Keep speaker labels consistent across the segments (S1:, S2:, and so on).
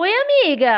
S1: Oi, amiga!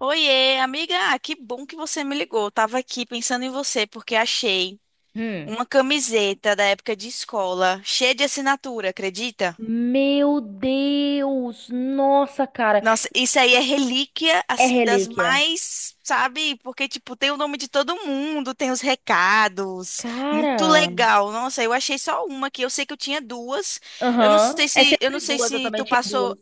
S2: Oiê, amiga. Ah, que bom que você me ligou. Eu tava aqui pensando em você porque achei
S1: Hum.
S2: uma camiseta da época de escola, cheia de assinatura, acredita?
S1: Meu Deus! Nossa, cara!
S2: Nossa, isso aí é relíquia,
S1: É
S2: assim, das
S1: relíquia.
S2: mais, sabe? Porque, tipo, tem o nome de todo mundo, tem os recados. Muito
S1: Cara!
S2: legal. Nossa, eu achei só uma aqui. Eu sei que eu tinha duas. Eu não
S1: Aham.
S2: sei
S1: É
S2: se, eu
S1: sempre
S2: não sei
S1: duas, eu
S2: se
S1: também
S2: tu
S1: tinha
S2: passou,
S1: duas.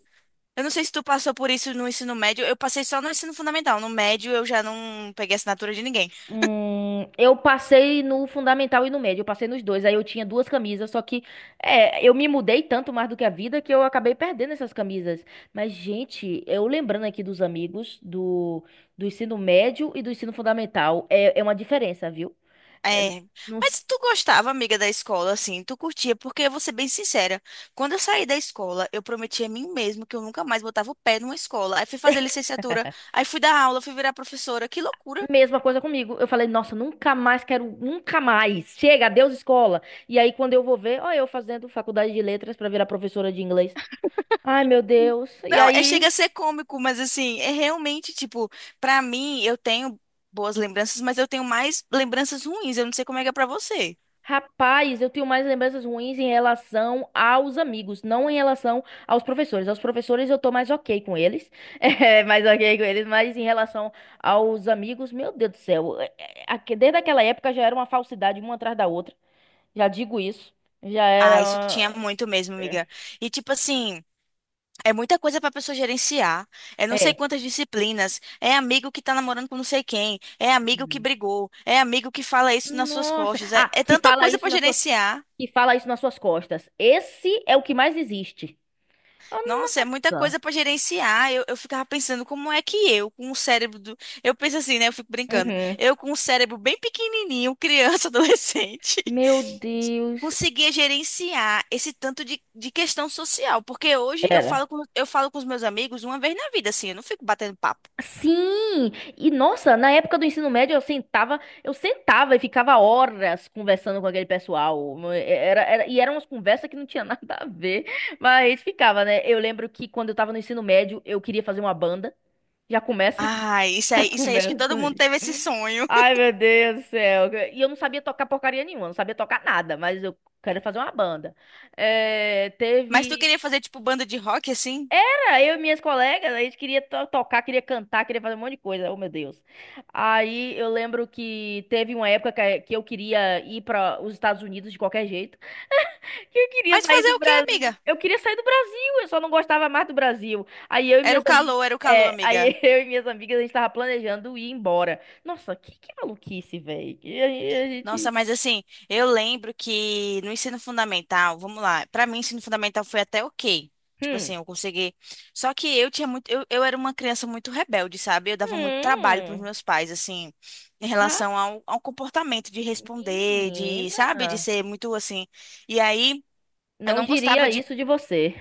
S2: eu não sei se tu passou por isso no ensino médio. Eu passei só no ensino fundamental. No médio eu já não peguei assinatura de ninguém.
S1: Eu passei no fundamental e no médio, eu passei nos dois. Aí eu tinha duas camisas, só que eu me mudei tanto mais do que a vida que eu acabei perdendo essas camisas. Mas, gente, eu lembrando aqui dos amigos do ensino médio e do ensino fundamental, é uma diferença, viu? É,
S2: É,
S1: não,
S2: mas tu gostava, amiga, da escola, assim, tu curtia, porque eu vou ser bem sincera, quando eu saí da escola, eu prometi a mim mesma que eu nunca mais botava o pé numa escola, aí fui fazer licenciatura, aí fui dar aula, fui virar professora, que loucura.
S1: Mesma coisa comigo. Eu falei, nossa, nunca mais quero, nunca mais. Chega, adeus escola. E aí, quando eu vou ver, ó, eu fazendo faculdade de letras pra virar professora de inglês. Ai, meu Deus. E
S2: Não, é,
S1: aí,
S2: chega a ser cômico, mas assim, é realmente, tipo, pra mim, eu tenho boas lembranças, mas eu tenho mais lembranças ruins, eu não sei como é que é pra você.
S1: rapaz, eu tenho mais lembranças ruins em relação aos amigos, não em relação aos professores. Aos professores eu tô mais ok com eles, mais ok com eles, mas em relação aos amigos, meu Deus do céu. Desde aquela época já era uma falsidade uma atrás da outra. Já digo isso. Já
S2: Ah,
S1: era.
S2: isso tinha muito mesmo, amiga. E tipo assim, é muita coisa para pessoa gerenciar. É não sei
S1: É.
S2: quantas disciplinas. É amigo que tá namorando com não sei quem. É amigo que brigou. É amigo que fala isso nas suas
S1: Nossa.
S2: costas. É,
S1: Ah,
S2: é tanta coisa para gerenciar.
S1: que fala isso nas suas costas. Esse é o que mais existe.
S2: Nossa, é muita
S1: Nossa.
S2: coisa para gerenciar. Eu ficava pensando como é que eu, com o cérebro do... Eu penso assim, né? Eu fico brincando.
S1: Uhum.
S2: Eu com o cérebro bem pequenininho, criança, adolescente,
S1: Meu Deus.
S2: conseguia gerenciar esse tanto de questão social. Porque hoje eu falo
S1: Era.
S2: com, eu falo com os meus amigos uma vez na vida, assim. Eu não fico batendo papo.
S1: Sim! E nossa, na época do ensino médio eu sentava e ficava horas conversando com aquele pessoal. E eram umas conversas que não tinha nada a ver, mas a gente ficava, né? Eu lembro que quando eu tava no ensino médio, eu queria fazer uma banda. Já começa
S2: Ah,
S1: já
S2: isso aí, acho que
S1: começa
S2: todo mundo
S1: aí.
S2: teve esse sonho.
S1: Ai, meu Deus do céu. E eu não sabia tocar porcaria nenhuma, não sabia tocar nada, mas eu quero fazer uma banda. É,
S2: Mas tu
S1: teve.
S2: queria fazer tipo banda de rock assim?
S1: Cara, eu e minhas colegas, a gente queria tocar, queria cantar, queria fazer um monte de coisa. Oh, meu Deus. Aí eu lembro que teve uma época que eu queria ir para os Estados Unidos de qualquer jeito, que eu queria
S2: Mas
S1: sair
S2: fazer
S1: do
S2: o quê,
S1: Brasil.
S2: amiga?
S1: Eu queria sair do Brasil, eu só não gostava mais do Brasil. Aí eu e minhas amigas.
S2: Era o calor,
S1: é,
S2: amiga.
S1: aí eu e minhas amigas, a gente tava planejando ir embora. Nossa, que maluquice, velho.
S2: Nossa, mas assim, eu lembro que no ensino fundamental, vamos lá, pra mim ensino fundamental foi até ok. Tipo
S1: Hum.
S2: assim, eu consegui. Só que eu tinha muito, eu era uma criança muito rebelde, sabe? Eu dava muito trabalho pros
S1: Hum.
S2: meus pais, assim, em
S1: Ra-
S2: relação ao comportamento de responder, de, sabe,
S1: Menina.
S2: de ser muito assim. E aí, eu
S1: Não
S2: não gostava
S1: diria
S2: de
S1: isso de você.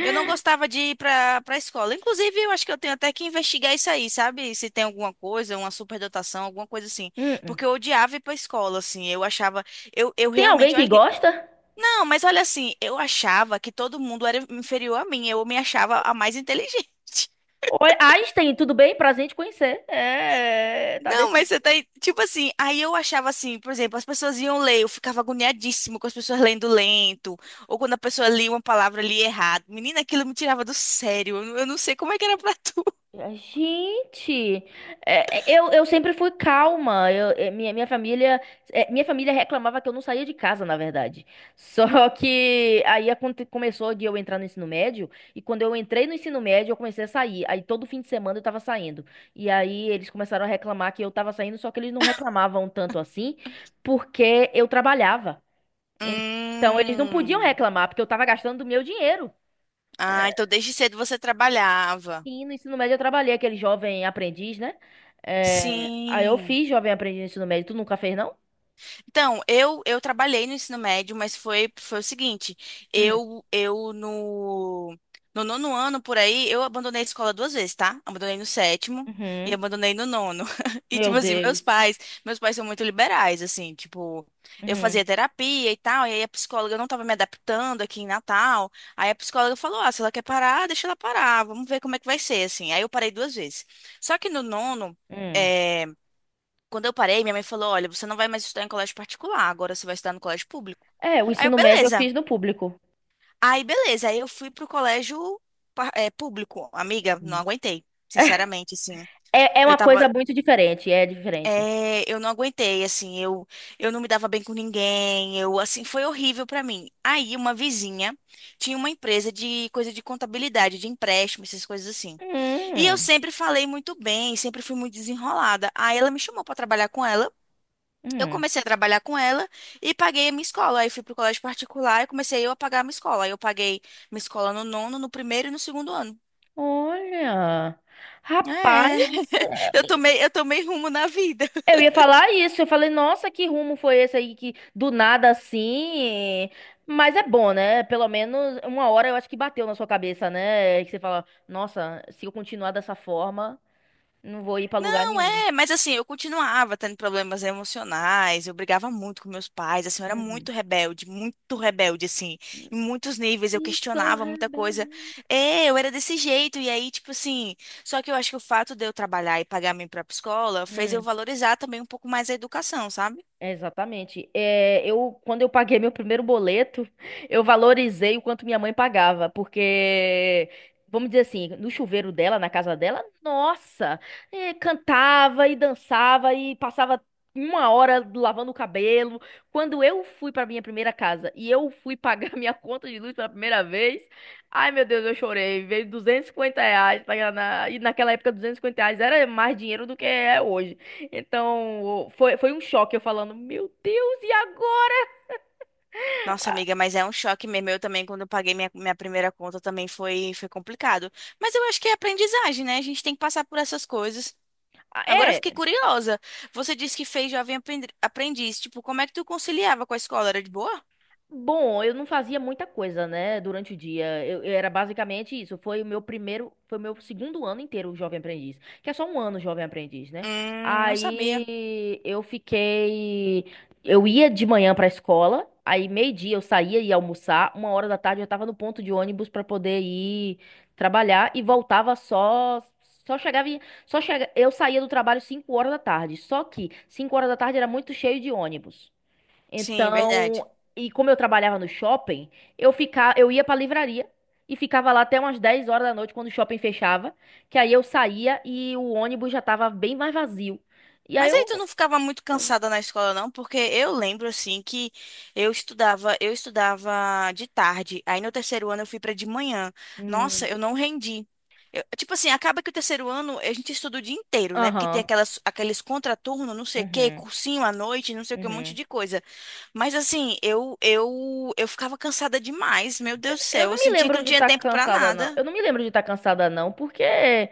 S2: eu não gostava de ir para escola. Inclusive, eu acho que eu tenho até que investigar isso aí, sabe? Se tem alguma coisa, uma superdotação, alguma coisa assim.
S1: Hum, hum.
S2: Porque eu odiava ir para escola, assim. Eu achava, eu
S1: Tem alguém
S2: realmente,
S1: que
S2: olha que
S1: gosta?
S2: não, mas olha assim, eu achava que todo mundo era inferior a mim. Eu me achava a mais inteligente.
S1: Oi, Einstein, tudo bem? Prazer em te conhecer. É, tá
S2: Não, mas
S1: decidido.
S2: você tá, aí- tipo assim, aí eu achava assim, por exemplo, as pessoas iam ler, eu ficava agoniadíssimo com as pessoas lendo lento, ou quando a pessoa lia uma palavra ali errado. Menina, aquilo me tirava do sério. Não, eu não sei como é que era pra tu.
S1: Gente, eu sempre fui calma. Eu, é, minha família, é, minha família reclamava que eu não saía de casa, na verdade. Só que aí começou de eu entrar no ensino médio, e quando eu entrei no ensino médio, eu comecei a sair. Aí todo fim de semana eu tava saindo. E aí eles começaram a reclamar que eu tava saindo, só que eles não reclamavam tanto assim, porque eu trabalhava. Então eles não podiam
S2: Hum.
S1: reclamar, porque eu tava gastando do meu dinheiro.
S2: Ah,
S1: É,
S2: então desde cedo você trabalhava.
S1: sim, no ensino médio eu trabalhei aquele jovem aprendiz, né? É, aí eu
S2: Sim.
S1: fiz jovem aprendiz no ensino médio. Tu nunca fez, não?
S2: Então, eu trabalhei no ensino médio, mas foi, foi o seguinte,
S1: Hum,
S2: eu no nono ano, por aí, eu abandonei a escola duas vezes, tá? Abandonei no sétimo e
S1: uhum.
S2: abandonei no nono. E,
S1: Meu
S2: tipo assim, meus
S1: Deus.
S2: pais, meus pais são muito liberais, assim, tipo, eu
S1: Uhum,
S2: fazia terapia e tal, e aí a psicóloga não tava me adaptando aqui em Natal, aí a psicóloga falou, ah, se ela quer parar, deixa ela parar, vamos ver como é que vai ser, assim. Aí eu parei duas vezes. Só que no nono,
S1: hum.
S2: eh, quando eu parei, minha mãe falou: Olha, você não vai mais estudar em colégio particular, agora você vai estudar no colégio público.
S1: É, o
S2: Aí eu,
S1: ensino médio eu
S2: beleza.
S1: fiz no público.
S2: Aí, beleza. Aí eu fui pro colégio, público. Amiga, não
S1: Hum.
S2: aguentei. Sinceramente, assim.
S1: É, é
S2: Eu
S1: uma coisa
S2: tava.
S1: muito diferente, é diferente.
S2: Eu não aguentei, assim. Eu não me dava bem com ninguém. Eu, assim, foi horrível pra mim. Aí, uma vizinha tinha uma empresa de coisa de contabilidade, de empréstimo, essas coisas assim. E eu
S1: Hum,
S2: sempre falei muito bem, sempre fui muito desenrolada. Aí ela me chamou pra trabalhar com ela. Eu
S1: hum.
S2: comecei a trabalhar com ela e paguei a minha escola. Aí fui pro colégio particular e comecei eu a pagar a minha escola. Aí eu paguei minha escola no nono, no primeiro e no segundo ano.
S1: Olha,
S2: É,
S1: rapaz,
S2: eu tomei rumo na vida.
S1: eu ia falar isso, eu falei, nossa, que rumo foi esse aí que do nada assim. Mas é bom, né? Pelo menos uma hora eu acho que bateu na sua cabeça, né? Que você fala, nossa, se eu continuar dessa forma, não vou ir pra lugar
S2: Não,
S1: nenhum.
S2: é, mas assim, eu continuava tendo problemas emocionais, eu brigava muito com meus pais, assim, eu era
S1: Uhum.
S2: muito rebelde, assim, em muitos níveis, eu
S1: E sou
S2: questionava muita coisa.
S1: rebelde.
S2: É, eu era desse jeito, e aí, tipo assim, só que eu acho que o fato de eu trabalhar e pagar minha própria escola fez eu valorizar também um pouco mais a educação, sabe?
S1: Exatamente. É, quando eu paguei meu primeiro boleto, eu valorizei o quanto minha mãe pagava, porque, vamos dizer assim, no chuveiro dela, na casa dela, nossa, cantava e dançava e passava uma hora lavando o cabelo. Quando eu fui para minha primeira casa e eu fui pagar minha conta de luz pela primeira vez, ai meu Deus, eu chorei. Veio R$ 250, tá, e naquela época R$ 250 era mais dinheiro do que é hoje. Então, foi um choque eu falando, meu Deus, e agora?
S2: Nossa, amiga, mas é um choque mesmo. Eu também, quando eu paguei minha, minha primeira conta, também foi, foi complicado. Mas eu acho que é aprendizagem, né? A gente tem que passar por essas coisas.
S1: Ah,
S2: Agora eu
S1: é,
S2: fiquei curiosa. Você disse que fez jovem aprendiz. Tipo, como é que tu conciliava com a escola? Era de boa?
S1: bom, eu não fazia muita coisa, né, durante o dia. Eu era basicamente isso. Foi o meu primeiro, foi o meu segundo ano inteiro jovem aprendiz, que é só um ano jovem aprendiz, né?
S2: Não sabia.
S1: Aí eu fiquei, eu ia de manhã pra escola, aí meio-dia eu saía e ia almoçar, 1 hora da tarde eu tava no ponto de ônibus pra poder ir trabalhar e voltava só Só chegava, em- só chega, eu saía do trabalho 5 horas da tarde. Só que 5 horas da tarde era muito cheio de ônibus.
S2: Sim, verdade.
S1: Então, e como eu trabalhava no shopping, eu ia pra livraria e ficava lá até umas 10 horas da noite quando o shopping fechava, que aí eu saía e o ônibus já tava bem mais vazio. E aí
S2: Mas aí tu
S1: eu,
S2: não ficava muito cansada na escola, não? Porque eu lembro assim que eu estudava de tarde. Aí no terceiro ano eu fui pra de manhã.
S1: hum,
S2: Nossa, eu não rendi. Eu- tipo assim, acaba que o terceiro ano a gente estuda o dia inteiro, né? Porque tem
S1: aham,
S2: aquelas, aqueles contraturno, não sei o quê,
S1: uhum,
S2: cursinho à noite, não sei o que, um monte
S1: uhum.
S2: de coisa. Mas assim, eu ficava cansada demais, meu Deus do
S1: Eu
S2: céu,
S1: não
S2: eu
S1: me
S2: sentia que
S1: lembro
S2: não
S1: de
S2: tinha
S1: estar
S2: tempo pra
S1: cansada, não.
S2: nada.
S1: Eu não me lembro de estar cansada, não, porque é,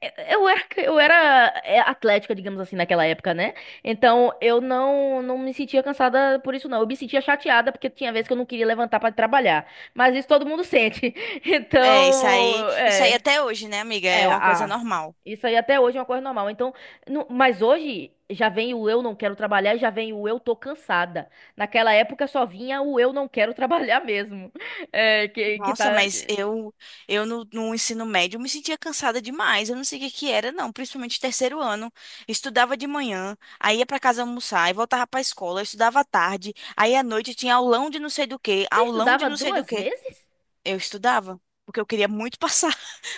S1: é, eu era atlética, digamos assim, naquela época, né? Então eu não, não me sentia cansada por isso, não. Eu me sentia chateada porque tinha vezes que eu não queria levantar para trabalhar. Mas isso todo mundo sente.
S2: É,
S1: Então,
S2: isso aí
S1: é.
S2: até hoje, né, amiga? É
S1: É,
S2: uma coisa
S1: ah,
S2: normal.
S1: isso aí até hoje é uma coisa normal. Então, mas hoje já vem o eu não quero trabalhar, e já vem o eu tô cansada. Naquela época só vinha o eu não quero trabalhar mesmo. É, que
S2: Nossa,
S1: tá...
S2: mas eu no, no ensino médio eu me sentia cansada demais. Eu não sei o que que era, não, principalmente terceiro ano. Estudava de manhã, aí ia pra casa almoçar, aí voltava pra escola, eu estudava à tarde, aí à noite tinha aulão de não sei do que
S1: Você
S2: aulão de
S1: estudava
S2: não sei do
S1: duas
S2: que
S1: vezes?
S2: eu estudava, porque eu queria muito passar.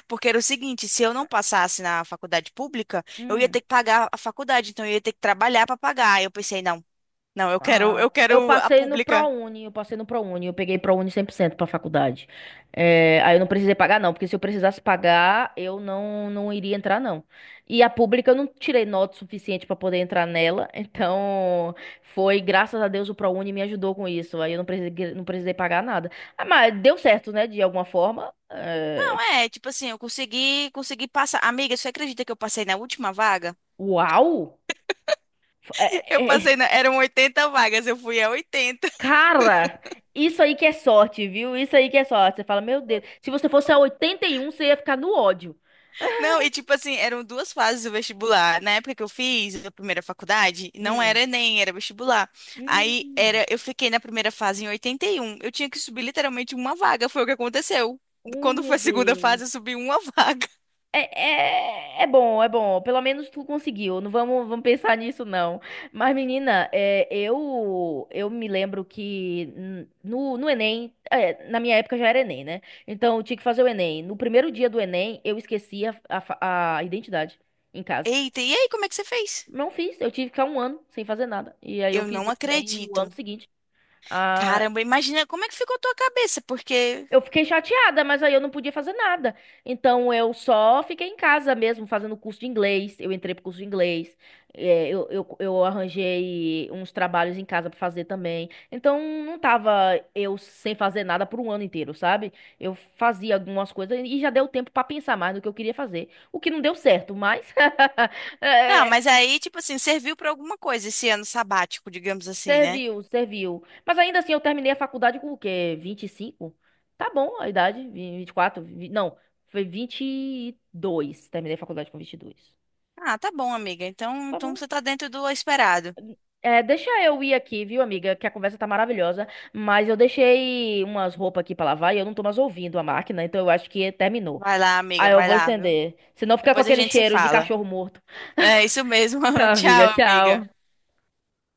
S2: Porque era o seguinte, se eu não passasse na faculdade pública, eu ia
S1: Hum.
S2: ter que pagar a faculdade, então eu ia ter que trabalhar para pagar. Aí eu pensei, não, não, eu quero,
S1: Ah,
S2: eu
S1: eu
S2: quero a
S1: passei no
S2: pública.
S1: ProUni, eu passei no ProUni, eu peguei ProUni 100% pra faculdade. É, aí eu não precisei pagar não, porque se eu precisasse pagar, eu não não iria entrar não. E a pública eu não tirei nota suficiente pra poder entrar nela, então foi graças a Deus o ProUni me ajudou com isso. Aí eu não precisei pagar nada. Ah, mas deu certo, né, de alguma forma. É,
S2: Não, é, tipo assim, eu consegui passar. Amiga, você acredita que eu passei na última vaga?
S1: uau. É,
S2: Eu passei
S1: é,
S2: na, eram 80 vagas, eu fui a 80.
S1: Cara, isso aí que é sorte, viu? Isso aí que é sorte. Você fala, meu Deus, se você fosse a 81, você ia ficar no ódio.
S2: Não, e tipo assim, eram duas fases do vestibular. Na época que eu fiz a primeira faculdade, não
S1: Hum.
S2: era Enem, era vestibular. Aí
S1: Hum,
S2: era, eu fiquei na primeira fase em 81. Eu tinha que subir literalmente uma vaga, foi o que aconteceu.
S1: oh,
S2: Quando
S1: meu
S2: foi a segunda
S1: Deus.
S2: fase, eu subi uma vaga.
S1: É bom, é bom. Pelo menos tu conseguiu. Não vamos, vamos pensar nisso, não. Mas, menina, eu me lembro que no Enem, na minha época já era Enem, né? Então eu tinha que fazer o Enem. No primeiro dia do Enem, eu esqueci a identidade em casa.
S2: Eita, e aí, como é que você fez?
S1: Não fiz, eu tive que ficar um ano sem fazer nada. E aí eu
S2: Eu
S1: fiz o
S2: não
S1: Enem no ano
S2: acredito.
S1: seguinte. Ah,
S2: Caramba, imagina como é que ficou a tua cabeça, porque.
S1: eu fiquei chateada, mas aí eu não podia fazer nada. Então eu só fiquei em casa mesmo, fazendo curso de inglês. Eu entrei pro curso de inglês. É, eu arranjei uns trabalhos em casa pra fazer também. Então não tava eu sem fazer nada por um ano inteiro, sabe? Eu fazia algumas coisas e já deu tempo pra pensar mais no que eu queria fazer. O que não deu certo, mas
S2: Ah,
S1: é,
S2: mas aí, tipo assim, serviu pra alguma coisa esse ano sabático, digamos assim, né?
S1: serviu, serviu. Mas ainda assim, eu terminei a faculdade com o quê? 25. Tá bom a idade, 24, não, foi 22. Terminei a faculdade com 22.
S2: Ah, tá bom, amiga. Então,
S1: Tá
S2: então
S1: bom.
S2: você tá dentro do esperado.
S1: É, deixa eu ir aqui, viu, amiga? Que a conversa tá maravilhosa, mas eu deixei umas roupas aqui pra lavar e eu não tô mais ouvindo a máquina, então eu acho que terminou.
S2: Vai lá, amiga,
S1: Aí eu
S2: vai
S1: vou
S2: lá, viu?
S1: estender. Senão fica com
S2: Depois a
S1: aquele
S2: gente se
S1: cheiro de
S2: fala.
S1: cachorro morto.
S2: É isso mesmo.
S1: Tá, amiga,
S2: Tchau, amiga.
S1: tchau.